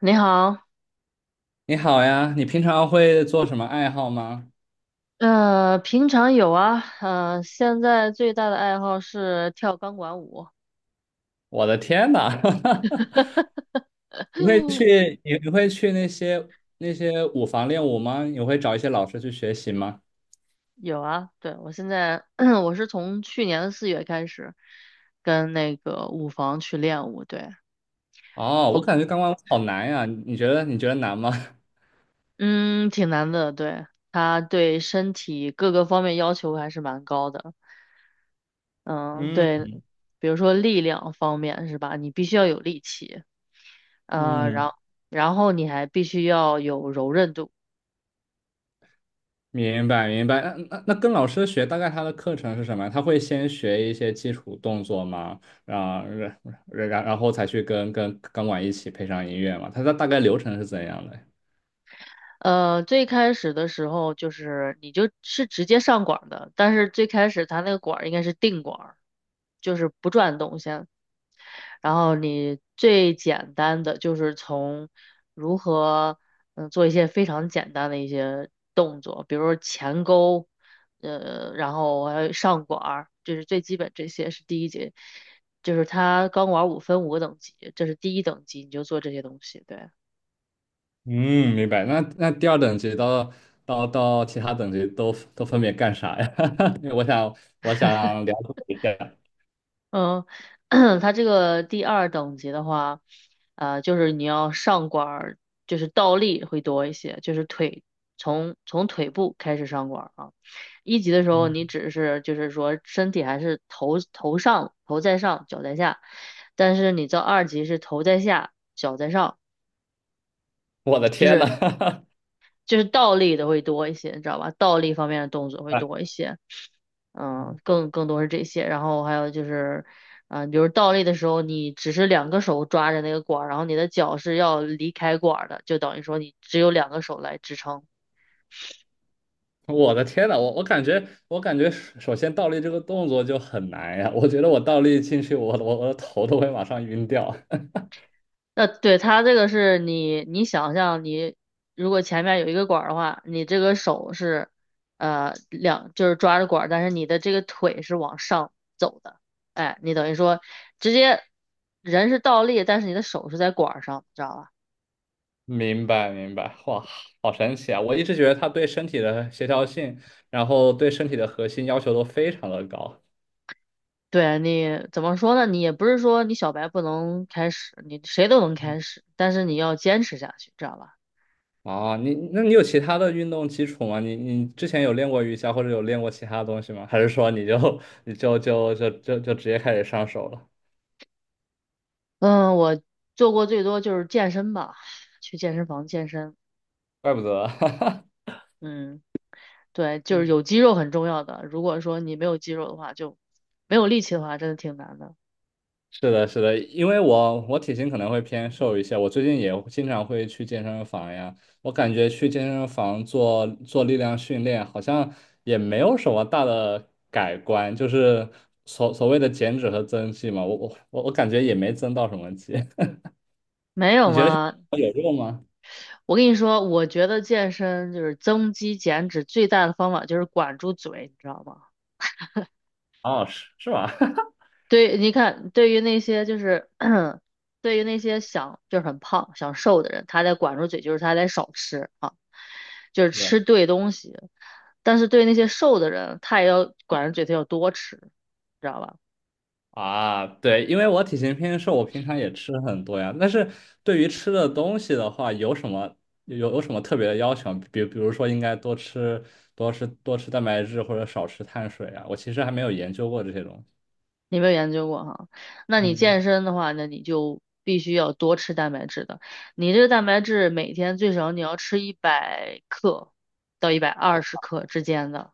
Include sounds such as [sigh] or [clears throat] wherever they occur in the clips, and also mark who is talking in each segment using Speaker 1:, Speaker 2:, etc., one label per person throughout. Speaker 1: 你好，
Speaker 2: 你好呀，你平常会做什么爱好吗？
Speaker 1: 平常有啊，现在最大的爱好是跳钢管舞。
Speaker 2: 我的天呐，[laughs] 你会
Speaker 1: [laughs]
Speaker 2: 去你你会去那些那些舞房练舞吗？你会找一些老师去学习吗？
Speaker 1: 有啊，对，我现在 [clears throat] 我是从去年的4月开始跟那个舞房去练舞，对。
Speaker 2: 哦，我感觉钢管舞好难呀，你觉得难吗？[laughs]
Speaker 1: 嗯，挺难的，对，它对身体各个方面要求还是蛮高的。嗯，
Speaker 2: 嗯
Speaker 1: 对，比如说力量方面是吧，你必须要有力气。呃，然
Speaker 2: 嗯，
Speaker 1: 然后你还必须要有柔韧度。
Speaker 2: 明白明白。那跟老师学，大概他的课程是什么呀？他会先学一些基础动作吗？然后才去跟钢管一起配上音乐吗？他的大概流程是怎样的呀？
Speaker 1: 最开始的时候就是你就是直接上管儿的，但是最开始它那个管儿应该是定管儿，就是不转动先。然后你最简单的就是从如何嗯做一些非常简单的一些动作，比如说前勾。然后还有上管儿，这是最基本，这些是第一节，就是它钢管儿五个等级，这是第一等级，你就做这些东西，对。
Speaker 2: 嗯，明白。那第二等级到其他等级都分别干啥呀？[laughs] 因为我想我想了解一下。
Speaker 1: 嗯，[clears throat] 它这个第二等级的话，就是你要上管儿，就是倒立会多一些，就是腿从腿部开始上管儿啊。一级的时候，
Speaker 2: 嗯。
Speaker 1: 你只是就是说身体还是头上头在上，脚在下，但是你到二级是头在下，脚在上，
Speaker 2: [laughs] 我的
Speaker 1: 就
Speaker 2: 天呐！
Speaker 1: 是
Speaker 2: [laughs]
Speaker 1: 就是倒立的会多一些，你知道吧？倒立方面的动作会
Speaker 2: 啊
Speaker 1: 多一些。嗯，
Speaker 2: 嗯
Speaker 1: 更多是这些，然后还有就是，比如倒立的时候，你只是两个手抓着那个管儿，然后你的脚是要离开管儿的，就等于说你只有两个手来支撑。
Speaker 2: 我的天呐，我感觉首先倒立这个动作就很难呀，我觉得我倒立进去，我的头都会马上晕掉。[laughs]
Speaker 1: 那对它这个是你想象你如果前面有一个管儿的话，你这个手是，就是抓着管儿，但是你的这个腿是往上走的，哎，你等于说直接人是倒立，但是你的手是在管儿上，知道吧？
Speaker 2: 明白明白，哇，好神奇啊！我一直觉得它对身体的协调性，然后对身体的核心要求都非常的高。
Speaker 1: 对，你怎么说呢？你也不是说你小白不能开始，你谁都能开始，但是你要坚持下去，知道吧？
Speaker 2: 啊，你有其他的运动基础吗？你之前有练过瑜伽或者有练过其他东西吗？还是说你就 [laughs] 你就直接开始上手了？
Speaker 1: 嗯，我做过最多就是健身吧，去健身房健身。
Speaker 2: 怪不得。
Speaker 1: 嗯，对，就是有肌肉很重要的。如果说你没有肌肉的话，就没有力气的话，真的挺难的。
Speaker 2: [laughs] 是的，是的，因为我体型可能会偏瘦一些，我最近也经常会去健身房呀。我感觉去健身房做力量训练，好像也没有什么大的改观，就是所所谓的减脂和增肌嘛，我感觉也没增到什么肌。
Speaker 1: 没有吗？
Speaker 2: [laughs] 有用吗？
Speaker 1: 我跟你说，我觉得健身就是增肌减脂最大的方法就是管住嘴，你知道吗？
Speaker 2: 哦，是是吧？
Speaker 1: 对，你看，对于那些就是，[clears throat] 对于那些想就是很胖、想瘦的人，他得管住嘴，就是他得少吃啊，就是吃
Speaker 2: [laughs]
Speaker 1: 对东西。但是对那些瘦的人，他也要管住嘴，他要多吃，知道吧？
Speaker 2: 啊，对，因为我体型偏瘦，我平常也吃很多呀。但是对于吃的东西的话，有什么有什么特别的要求？比如说，应该多吃多吃蛋白质，或者少吃碳水啊。我其实还没有研究过这些东西。
Speaker 1: 你没有研究过哈？那你
Speaker 2: 嗯
Speaker 1: 健身的话，那你就必须要多吃蛋白质的。你这个蛋白质每天最少你要吃100克到120克之间的。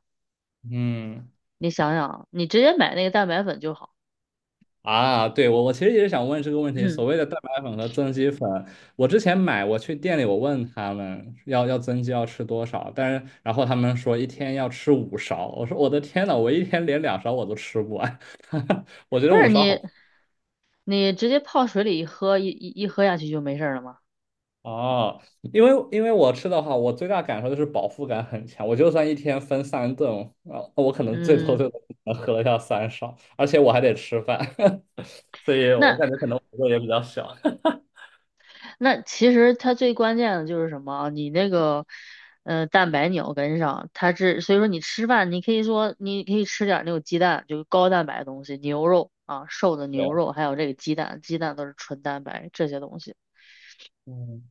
Speaker 2: 嗯。
Speaker 1: 你想想，你直接买那个蛋白粉就好。
Speaker 2: 啊，对，我我其实也是想问这个问题，
Speaker 1: [clears throat]
Speaker 2: 所谓的蛋白粉和增肌粉，我之前买，我去店里我问他们要增肌要吃多少，但是然后他们说一天要吃五勺，我说我的天呐，我一天连两勺我都吃不完。[laughs] 我觉
Speaker 1: 不
Speaker 2: 得五
Speaker 1: 是
Speaker 2: 勺
Speaker 1: 你。
Speaker 2: 好。
Speaker 1: 你直接泡水里一喝，一喝下去就没事儿了吗？
Speaker 2: 哦，因为因为我吃的话，我最大感受就是饱腹感很强，我就算一天分三顿，啊，我可能最多
Speaker 1: 嗯，
Speaker 2: 最多能喝得下三勺，而且我还得吃饭。[laughs] 所以我
Speaker 1: 那
Speaker 2: 感觉可能幅度也比较小。
Speaker 1: 那其实它最关键的就是什么啊？你那个，蛋白你要跟上，它是所以说你吃饭，你可以吃点儿那种鸡蛋，就是高蛋白的东西，牛肉啊，瘦的
Speaker 2: [laughs]
Speaker 1: 牛
Speaker 2: 对，
Speaker 1: 肉，还有这个鸡蛋，鸡蛋都是纯蛋白这些东西。
Speaker 2: 嗯。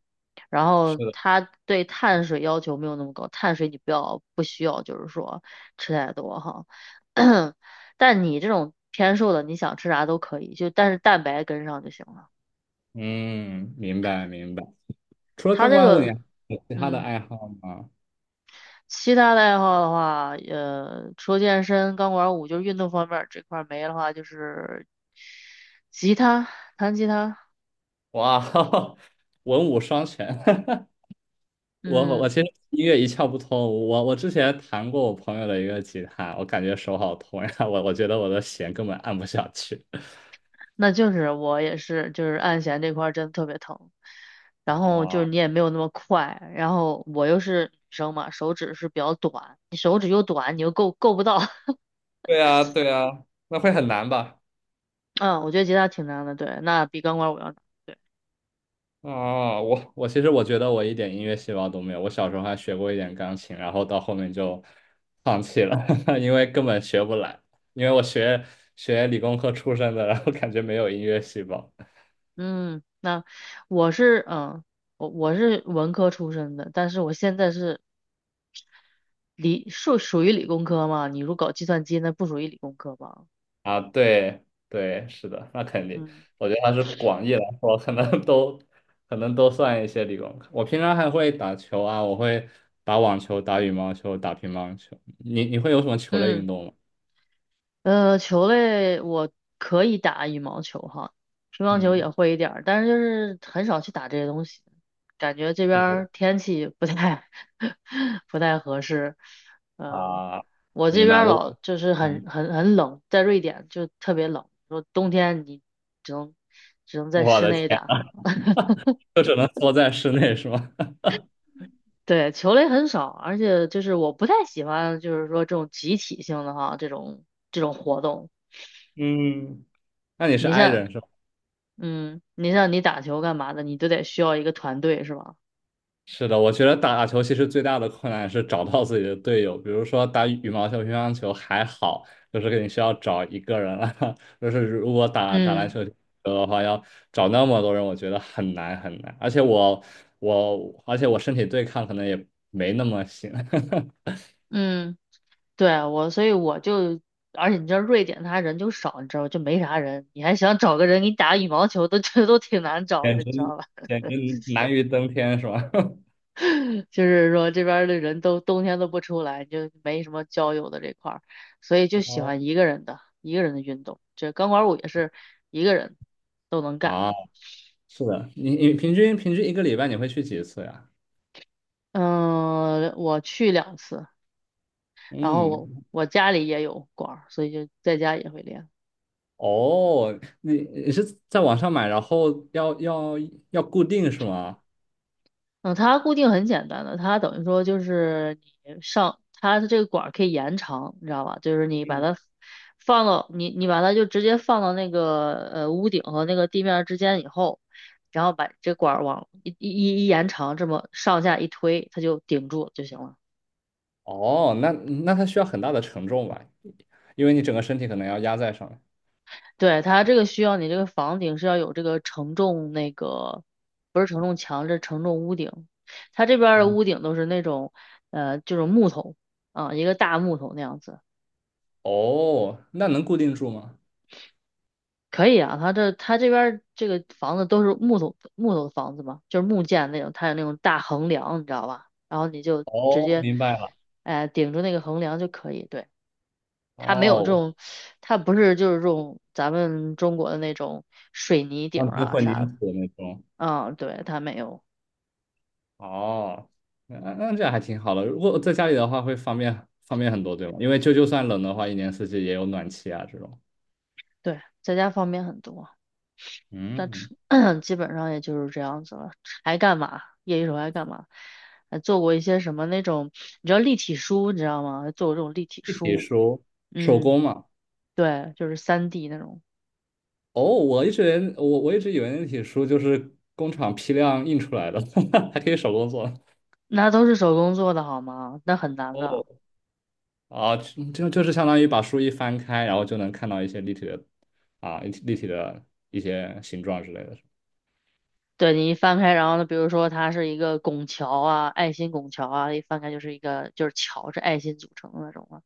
Speaker 1: 然
Speaker 2: 是
Speaker 1: 后
Speaker 2: 的。
Speaker 1: 它对碳水要求没有那么高，碳水你不需要，就是说吃太多哈。[coughs] [clears throat] 但你这种偏瘦的，你想吃啥都可以，就但是蛋白跟上就行了。
Speaker 2: 嗯，明白明白。除了
Speaker 1: 它
Speaker 2: 钢
Speaker 1: 这
Speaker 2: 管舞，你
Speaker 1: 个，
Speaker 2: 还有其他的
Speaker 1: 嗯，
Speaker 2: 爱好吗？
Speaker 1: 其他的爱好的话，除了健身、钢管舞，就是运动方面儿这块儿没的话，就是吉他，弹吉他，
Speaker 2: 哇，[laughs] 文武双全。[laughs] 我
Speaker 1: 嗯。
Speaker 2: 其实音乐一窍不通。我之前弹过我朋友的一个吉他，我感觉手好痛呀，[laughs] 我觉得我的弦根本按不下去。
Speaker 1: 那就是我也是，就是按弦这块儿真的特别疼，然后就是
Speaker 2: 哇，
Speaker 1: 你也没有那么快，然后我又是女生嘛，手指是比较短，你手指又短，你又够不到。[laughs]
Speaker 2: 对啊，对啊，那会很难吧？
Speaker 1: 嗯，我觉得吉他挺难的，对，那比钢管舞要难。
Speaker 2: 啊，我其实我觉得我一点音乐细胞都没有，我小时候还学过一点钢琴，然后到后面就放弃了。[laughs] 因为根本学不来，因为我学理工科出身的，然后感觉没有音乐细胞。
Speaker 1: 嗯，那我是嗯，我是文科出身的，但是我现在是属于理工科嘛，你如果搞计算机那不属于理工科吧，
Speaker 2: 啊，对对，是的，那肯定。
Speaker 1: 嗯
Speaker 2: 我觉得它是广义来说，可能都算一些理工科。我平常还会打球啊，我会打网球、打羽毛球、打乒乓球。你会有什么球类
Speaker 1: 嗯。
Speaker 2: 运动吗？
Speaker 1: 球类我可以打羽毛球哈，乒乓球也
Speaker 2: 嗯，
Speaker 1: 会一点儿，但是就是很少去打这些东西，感觉这边
Speaker 2: 对我
Speaker 1: 儿天气不太 [laughs] 不太合适。嗯，
Speaker 2: 啊，
Speaker 1: 我这
Speaker 2: 明
Speaker 1: 边
Speaker 2: 白
Speaker 1: 儿
Speaker 2: 我。
Speaker 1: 老就是很
Speaker 2: 嗯。
Speaker 1: 很很冷，在瑞典就特别冷，说冬天你只能只能在
Speaker 2: 我
Speaker 1: 室
Speaker 2: 的
Speaker 1: 内
Speaker 2: 天，
Speaker 1: 打。
Speaker 2: 就只能缩在室内是吗？[laughs]
Speaker 1: 对，球类很少，而且就是我不太喜欢，就是说这种集体性的哈，这种活动。
Speaker 2: 嗯，那你是
Speaker 1: 你
Speaker 2: i
Speaker 1: 像。
Speaker 2: 人是吧？
Speaker 1: 嗯，你像你打球干嘛的，你都得需要一个团队是吧？
Speaker 2: 是的，我觉得打球其实最大的困难是找到自己的队友。比如说打羽毛球、乒乓球还好，就是你需要找一个人了。[laughs] 就是如果打篮
Speaker 1: 嗯
Speaker 2: 球的话，要找那么多人，我觉得很难很难。而且而且我身体对抗可能也没那么行。
Speaker 1: 嗯，对我，所以我就，而且你知道瑞典他人就少，你知道吧，就没啥人，你还想找个人给你打羽毛球都觉得都挺难
Speaker 2: [laughs]
Speaker 1: 找
Speaker 2: 简
Speaker 1: 的，你知
Speaker 2: 直
Speaker 1: 道吧？
Speaker 2: 简直难于登天是吧？[laughs]
Speaker 1: [laughs] 就是说这边儿的人都冬天都不出来，就没什么交友的这块儿，所以就喜
Speaker 2: 哦，
Speaker 1: 欢一个人的运动，这钢管舞也是一个人都能干。
Speaker 2: 啊。是的，你平均一个礼拜你会去几次呀？
Speaker 1: 嗯，我去两次，然后我
Speaker 2: 嗯，
Speaker 1: 我家里也有管，儿，所以就在家也会练。
Speaker 2: 哦，你是在网上买，然后要固定是吗？
Speaker 1: 嗯，它固定很简单的，它等于说就是你上它的这个管儿可以延长，你知道吧？就是你把它放到你把它就直接放到那个屋顶和那个地面儿之间以后，然后把这管儿往一延长，这么上下一推，它就顶住就行了。
Speaker 2: 哦，那那它需要很大的承重吧，因为你整个身体可能要压在上面。
Speaker 1: 对，它这个需要你这个房顶是要有这个承重，那个不是承重墙，这是承重屋顶。它这边儿的
Speaker 2: 嗯。
Speaker 1: 屋顶都是那种就是木头啊，一个大木头那样子。
Speaker 2: 哦，那能固定住吗？
Speaker 1: 可以啊，他这边儿这个房子都是木头木头的房子嘛，就是木建那种，它有那种大横梁，你知道吧？然后你就直
Speaker 2: 哦，
Speaker 1: 接，
Speaker 2: 明白了。
Speaker 1: 顶住那个横梁就可以。对，它没有这
Speaker 2: 哦，
Speaker 1: 种，它不是就是这种咱们中国的那种水泥顶
Speaker 2: 钢
Speaker 1: 儿
Speaker 2: 筋
Speaker 1: 啊
Speaker 2: 混凝
Speaker 1: 啥的。
Speaker 2: 土的那种。
Speaker 1: 嗯，对，它没有。
Speaker 2: 哦，那这样还挺好的。如果在家里的话，会方便很多，对吗？因为就算冷的话，一年四季也有暖气啊这种。
Speaker 1: 对，在家方便很多，但吃
Speaker 2: 嗯。
Speaker 1: [coughs] [clears throat] 基本上也就是这样子了。还干嘛？业余时候还干嘛？还做过一些什么那种，你知道立体书，你知道吗？还做过这种立体
Speaker 2: 立体
Speaker 1: 书。
Speaker 2: 书手
Speaker 1: 嗯，
Speaker 2: 工嘛。
Speaker 1: 对，就是3D 那种，
Speaker 2: 哦，我一直连我我一直以为立体书就是工厂批量印出来的，[laughs] 还可以手工做。
Speaker 1: 那都是手工做的好吗？那很难的。
Speaker 2: 哦，啊，就就就是相当于把书一翻开，然后就能看到一些立体的立体的一些形状之类的。
Speaker 1: 对，你一翻开，然后呢，比如说它是一个拱桥啊，爱心拱桥啊，一翻开就是一个就是桥是爱心组成的那种啊，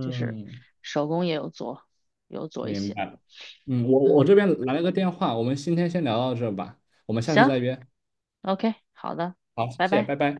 Speaker 1: 就是手工也有做，有做一
Speaker 2: 明
Speaker 1: 些。
Speaker 2: 白了。嗯，我这
Speaker 1: 嗯，
Speaker 2: 边来了个电话，我们今天先聊到这吧，我们下次
Speaker 1: 行
Speaker 2: 再约。
Speaker 1: ，OK,好的，
Speaker 2: 好，谢
Speaker 1: 拜
Speaker 2: 谢，
Speaker 1: 拜。
Speaker 2: 拜拜。